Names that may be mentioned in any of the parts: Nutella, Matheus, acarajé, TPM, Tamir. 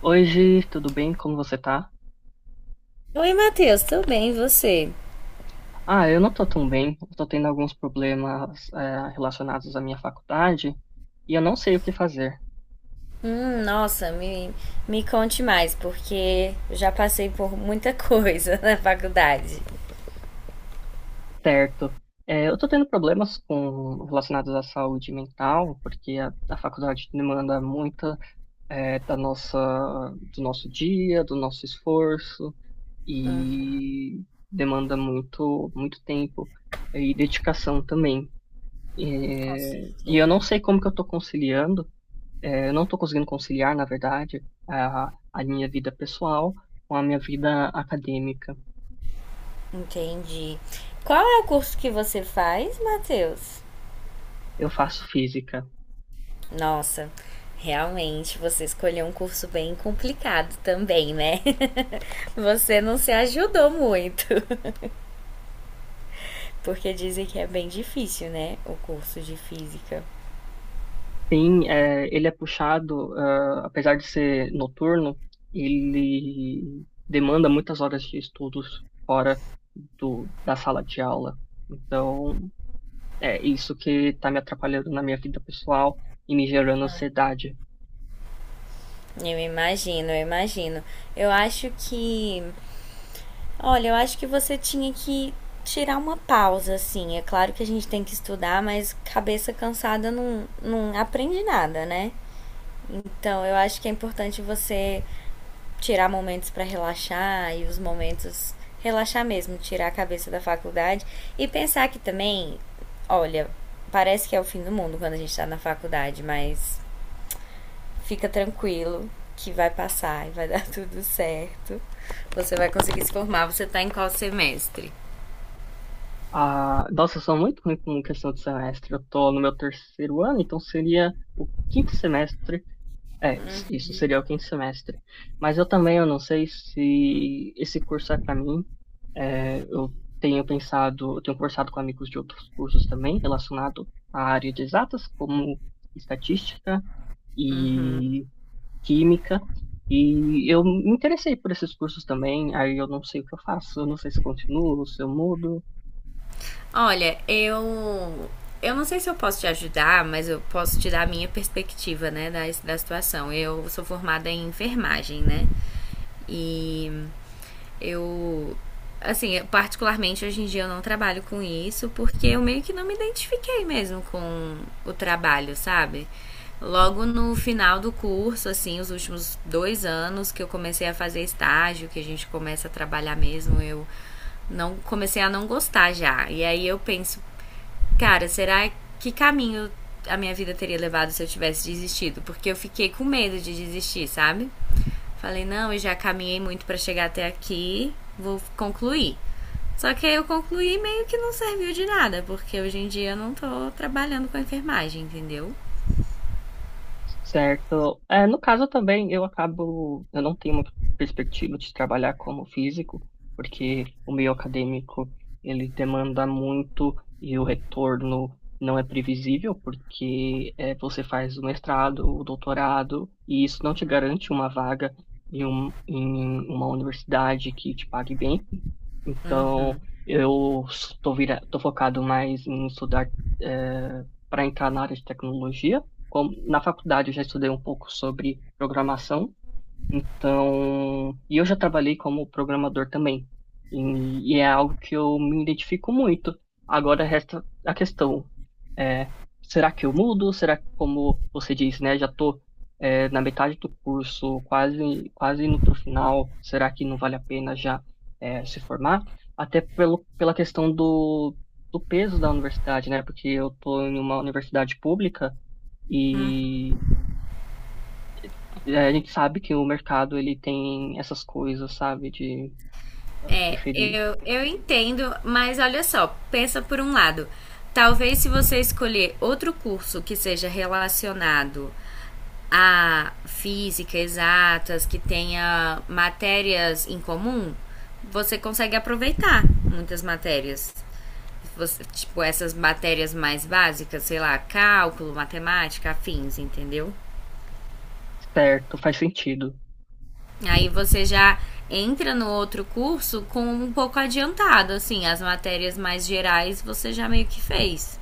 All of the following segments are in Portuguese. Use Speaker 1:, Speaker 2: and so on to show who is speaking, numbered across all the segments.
Speaker 1: Oi, Gi, tudo bem? Como você tá?
Speaker 2: Oi, Matheus, tudo bem? E você?
Speaker 1: Ah, eu não tô tão bem. Eu tô tendo alguns problemas, relacionados à minha faculdade e eu não sei o que fazer.
Speaker 2: Nossa, me conte mais, porque eu já passei por muita coisa na faculdade.
Speaker 1: Certo. Eu tô tendo problemas com relacionados à saúde mental, porque a faculdade demanda muito, é, da nossa, do nosso dia, do nosso esforço e demanda muito tempo e dedicação também.
Speaker 2: Com
Speaker 1: E eu
Speaker 2: certeza.
Speaker 1: não sei como que eu tô conciliando. Eu não estou conseguindo conciliar, na verdade, a minha vida pessoal com a minha vida acadêmica.
Speaker 2: Entendi. Qual é o curso que você faz, Matheus?
Speaker 1: Eu faço física.
Speaker 2: Nossa, realmente você escolheu um curso bem complicado também, né? Você não se ajudou muito, porque dizem que é bem difícil, né? O curso de física.
Speaker 1: Sim, é, ele é puxado, ah, apesar de ser noturno, ele demanda muitas horas de estudos fora da sala de aula. Então, é isso que está me atrapalhando na minha vida pessoal e me gerando ansiedade.
Speaker 2: Eu imagino, eu imagino. Eu acho que... Olha, eu acho que você tinha que tirar uma pausa, assim. É claro que a gente tem que estudar, mas cabeça cansada não aprende nada, né? Então, eu acho que é importante você tirar momentos para relaxar e os momentos relaxar mesmo, tirar a cabeça da faculdade e pensar que também, olha, parece que é o fim do mundo quando a gente tá na faculdade, mas fica tranquilo que vai passar e vai dar tudo certo. Você vai conseguir se formar. Você tá em qual semestre?
Speaker 1: Ah, nossa, eu sou muito ruim com questão de semestre. Eu tô no meu terceiro ano, então seria o quinto semestre. É, isso seria o quinto semestre. Mas eu também, eu não sei se esse curso é para mim. Eu tenho pensado, eu tenho conversado com amigos de outros cursos também, relacionado à área de exatas, como estatística e química. E eu me interessei por esses cursos também. Aí eu não sei o que eu faço. Eu não sei se eu continuo, se eu mudo.
Speaker 2: Olha, eu... Eu não sei se eu posso te ajudar, mas eu posso te dar a minha perspectiva, né, da situação. Eu sou formada em enfermagem, né? E eu... Assim, eu, particularmente hoje em dia eu não trabalho com isso porque eu meio que não me identifiquei mesmo com o trabalho, sabe? Logo no final do curso, assim, os últimos dois anos que eu comecei a fazer estágio, que a gente começa a trabalhar mesmo, eu não comecei a não gostar já. E aí eu penso, cara, será que caminho a minha vida teria levado se eu tivesse desistido? Porque eu fiquei com medo de desistir, sabe? Falei, não, eu já caminhei muito para chegar até aqui, vou concluir. Só que aí eu concluí meio que não serviu de nada, porque hoje em dia eu não tô trabalhando com a enfermagem, entendeu?
Speaker 1: Certo. No caso também, eu não tenho uma perspectiva de trabalhar como físico, porque o meio acadêmico, ele demanda muito e o retorno não é previsível, porque é, você faz o mestrado, o doutorado, e isso não te garante uma vaga em uma universidade que te pague bem. Então, tô focado mais em estudar, para entrar na área de tecnologia, como- na faculdade eu já estudei um pouco sobre programação, então, e eu já trabalhei como programador também, e é algo que eu me identifico muito. Agora resta a questão, é, será que eu mudo? Será que, como você disse, né, já estou na metade do curso, quase indo para o final, será que não vale a pena já é, se formar? Até pela questão do, do peso da universidade, né, porque eu estou em uma universidade pública, e é, a gente sabe que o mercado ele tem essas coisas, sabe, de ah,
Speaker 2: É,
Speaker 1: preferir.
Speaker 2: eu entendo, mas olha só, pensa por um lado. Talvez se você escolher outro curso que seja relacionado a física, exatas, que tenha matérias em comum, você consegue aproveitar muitas matérias. Você... tipo, essas matérias mais básicas, sei lá, cálculo, matemática, afins, entendeu?
Speaker 1: Certo, faz sentido.
Speaker 2: Aí você já entra no outro curso com um pouco adiantado, assim, as matérias mais gerais você já meio que fez.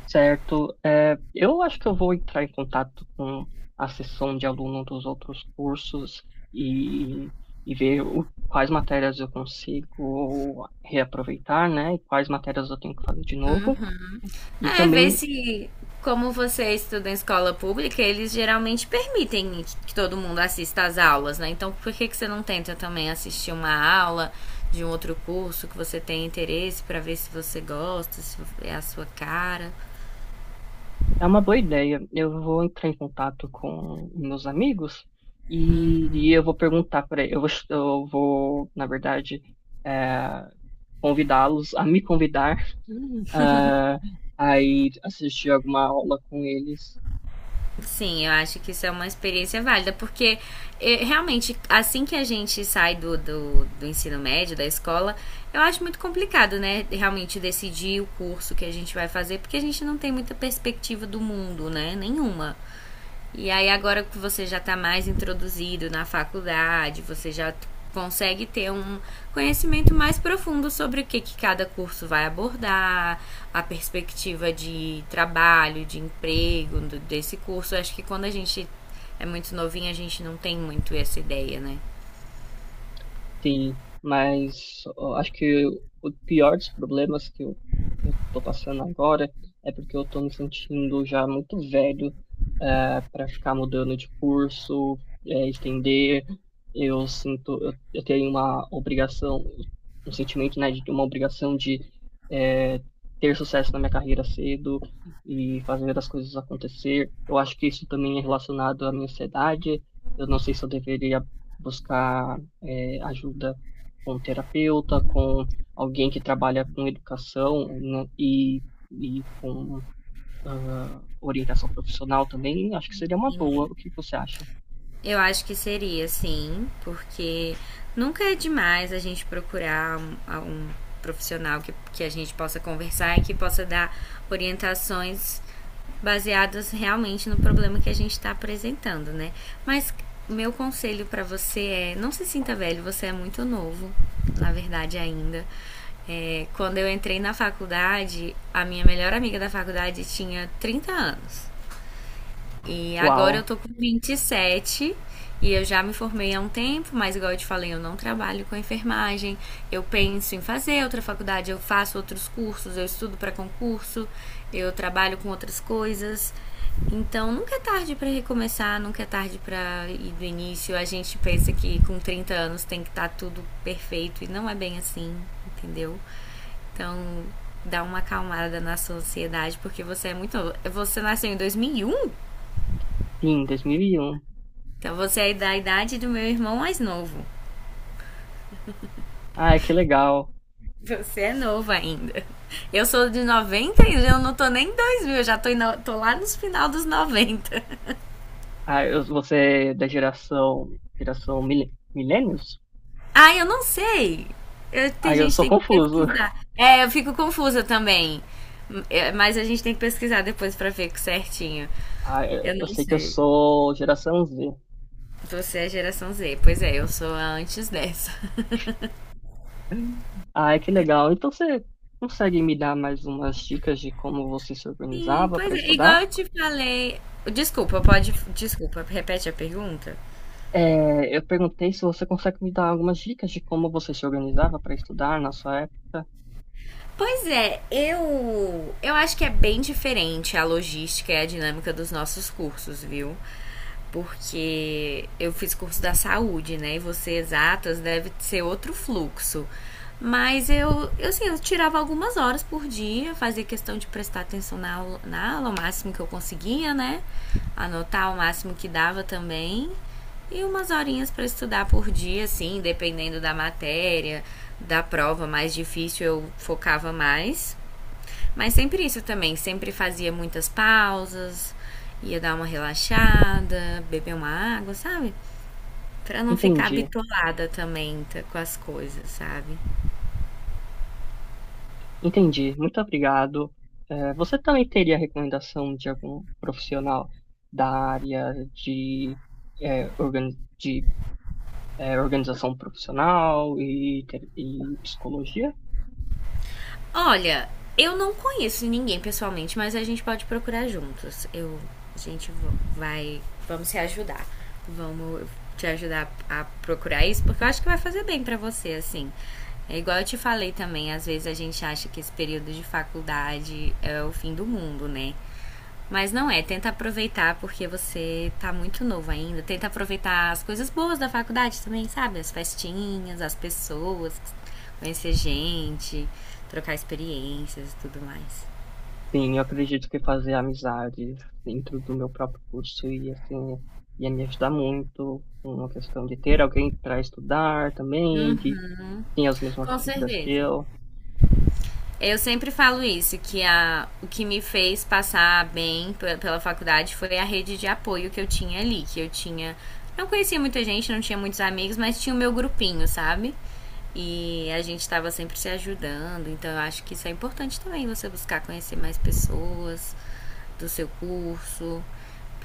Speaker 1: Certo, é, eu acho que eu vou entrar em contato com a seção de aluno dos outros cursos e, e ver o- quais matérias eu consigo reaproveitar, né, e quais matérias eu tenho que fazer de novo. E
Speaker 2: É, ver
Speaker 1: também
Speaker 2: se, como você estuda em escola pública, eles geralmente permitem que... que todo mundo assista às aulas, né? Então, por que que você não tenta também assistir uma aula de um outro curso que você tem interesse pra ver se você gosta, se é a sua cara?
Speaker 1: é uma boa ideia. Eu vou entrar em contato com meus amigos e eu vou perguntar para eles. Na verdade, é, convidá-los a me convidar, eh, a ir assistir alguma aula com eles.
Speaker 2: Sim, eu acho que isso é uma experiência válida, porque realmente, assim que a gente sai do ensino médio, da escola, eu acho muito complicado, né? Realmente decidir o curso que a gente vai fazer, porque a gente não tem muita perspectiva do mundo, né? Nenhuma. E aí agora que você já está mais introduzido na faculdade, você já consegue ter um conhecimento mais profundo sobre o que que cada curso vai abordar, a perspectiva de trabalho, de emprego do... desse curso. Eu acho que quando a gente é muito novinho, a gente não tem muito essa ideia, né?
Speaker 1: Sim, mas ó, acho que o pior dos problemas eu tô passando agora é porque eu tô me sentindo já muito velho para ficar mudando de curso, estender. Eu tenho uma obrigação, um sentimento, né, de uma obrigação de eh, ter sucesso na minha carreira cedo e fazer as coisas acontecer. Eu acho que isso também é relacionado à minha ansiedade. Eu não sei se eu deveria buscar ajuda com um terapeuta, com alguém que trabalha com educação, né, e com orientação profissional também, acho que seria uma boa. O que você acha?
Speaker 2: Eu acho que seria, sim, porque nunca é demais a gente procurar um profissional que a gente possa conversar e que possa dar orientações baseadas realmente no problema que a gente está apresentando, né? Mas meu conselho para você é: não se sinta velho, você é muito novo, na verdade, ainda. É, quando eu entrei na faculdade, a minha melhor amiga da faculdade tinha 30 anos. E agora eu
Speaker 1: Uau,
Speaker 2: tô com 27, e eu já me formei há um tempo, mas igual eu te falei, eu não trabalho com enfermagem. Eu penso em fazer outra faculdade, eu faço outros cursos, eu estudo para concurso, eu trabalho com outras coisas. Então nunca é tarde para recomeçar, nunca é tarde para ir do início. A gente pensa que com 30 anos tem que estar, tá tudo perfeito, e não é bem assim, entendeu? Então dá uma acalmada na sociedade porque você é muito novo. Você nasceu em 2001.
Speaker 1: sim, 2001.
Speaker 2: Então você é da idade do meu irmão mais novo.
Speaker 1: Ah, que legal.
Speaker 2: Você é novo ainda. Eu sou de 90 e eu não tô nem em 2000. Eu já tô, tô lá nos final dos noventa.
Speaker 1: Ah, você é da geração mil, millennials?
Speaker 2: Ah, eu não sei. Eu,
Speaker 1: Ah,
Speaker 2: tem
Speaker 1: eu
Speaker 2: gente que
Speaker 1: sou
Speaker 2: tem que
Speaker 1: confuso.
Speaker 2: pesquisar. É, eu fico confusa também. É, mas a gente tem que pesquisar depois pra ver certinho.
Speaker 1: Ah,
Speaker 2: Eu
Speaker 1: eu
Speaker 2: não
Speaker 1: sei que eu
Speaker 2: sei.
Speaker 1: sou geração Z.
Speaker 2: Você é geração Z. Pois é, eu sou a antes dessa.
Speaker 1: Ah, que legal. Então você consegue me dar mais umas dicas de como você se
Speaker 2: Sim,
Speaker 1: organizava
Speaker 2: pois
Speaker 1: para
Speaker 2: é.
Speaker 1: estudar?
Speaker 2: Igual eu te falei. Desculpa, pode. Desculpa, repete a pergunta.
Speaker 1: É, eu perguntei se você consegue me dar algumas dicas de como você se organizava para estudar na sua época.
Speaker 2: Pois é, eu acho que é bem diferente a logística e a dinâmica dos nossos cursos, viu? Porque eu fiz curso da saúde, né? E você exatas deve ser outro fluxo. Mas eu, assim, eu tirava algumas horas por dia, fazia questão de prestar atenção na aula, o máximo que eu conseguia, né? Anotar o máximo que dava também. E umas horinhas para estudar por dia, assim, dependendo da matéria, da prova mais difícil eu focava mais. Mas sempre isso também, sempre fazia muitas pausas, ia dar uma relaxada, beber uma água, sabe? Pra não ficar
Speaker 1: Entendi,
Speaker 2: bitolada também, tá, com as coisas, sabe?
Speaker 1: entendi. Muito obrigado. É, você também teria recomendação de algum profissional da área de, é, organização profissional e psicologia?
Speaker 2: Olha, eu não conheço ninguém pessoalmente, mas a gente pode procurar juntos. A gente vai, vamos se ajudar. Vamos te ajudar a procurar isso, porque eu acho que vai fazer bem pra você, assim. É igual eu te falei também, às vezes a gente acha que esse período de faculdade é o fim do mundo, né? Mas não é, tenta aproveitar porque você tá muito novo ainda. Tenta aproveitar as coisas boas da faculdade também, sabe? As festinhas, as pessoas, conhecer gente, trocar experiências e tudo mais.
Speaker 1: Sim, eu acredito que fazer amizades dentro do meu próprio curso ia, assim, ia me ajudar muito uma questão de ter alguém para estudar também, que tem as mesmas
Speaker 2: Com
Speaker 1: dúvidas que
Speaker 2: certeza.
Speaker 1: eu.
Speaker 2: Eu sempre falo isso, que a, o que me fez passar bem pela faculdade foi a rede de apoio que eu tinha ali, que eu tinha. Não conhecia muita gente, não tinha muitos amigos, mas tinha o meu grupinho, sabe? E a gente estava sempre se ajudando, então eu acho que isso é importante também, você buscar conhecer mais pessoas do seu curso,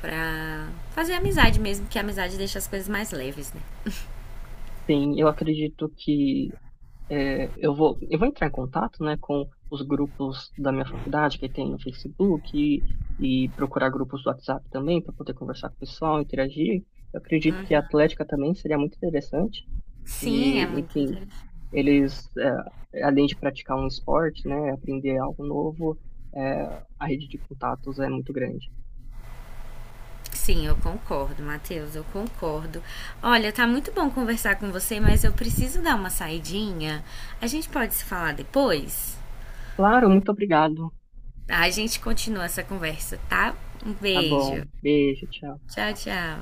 Speaker 2: pra fazer amizade mesmo, que a amizade deixa as coisas mais leves, né?
Speaker 1: Sim, eu acredito que é, eu vou entrar em contato, né, com os grupos da minha faculdade que tem no Facebook e procurar grupos do WhatsApp também para poder conversar com o pessoal, interagir. Eu acredito que a atlética também seria muito interessante.
Speaker 2: Sim, é
Speaker 1: E,
Speaker 2: muito
Speaker 1: enfim,
Speaker 2: interessante.
Speaker 1: eles, eh, além de praticar um esporte, né, aprender algo novo, eh, a rede de contatos é muito grande.
Speaker 2: Sim, eu concordo, Matheus, eu concordo. Olha, tá muito bom conversar com você, mas eu preciso dar uma saidinha. A gente pode se falar depois?
Speaker 1: Claro, muito obrigado.
Speaker 2: Tá, a gente continua essa conversa, tá? Um
Speaker 1: Tá bom.
Speaker 2: beijo.
Speaker 1: Beijo, tchau.
Speaker 2: Tchau, tchau.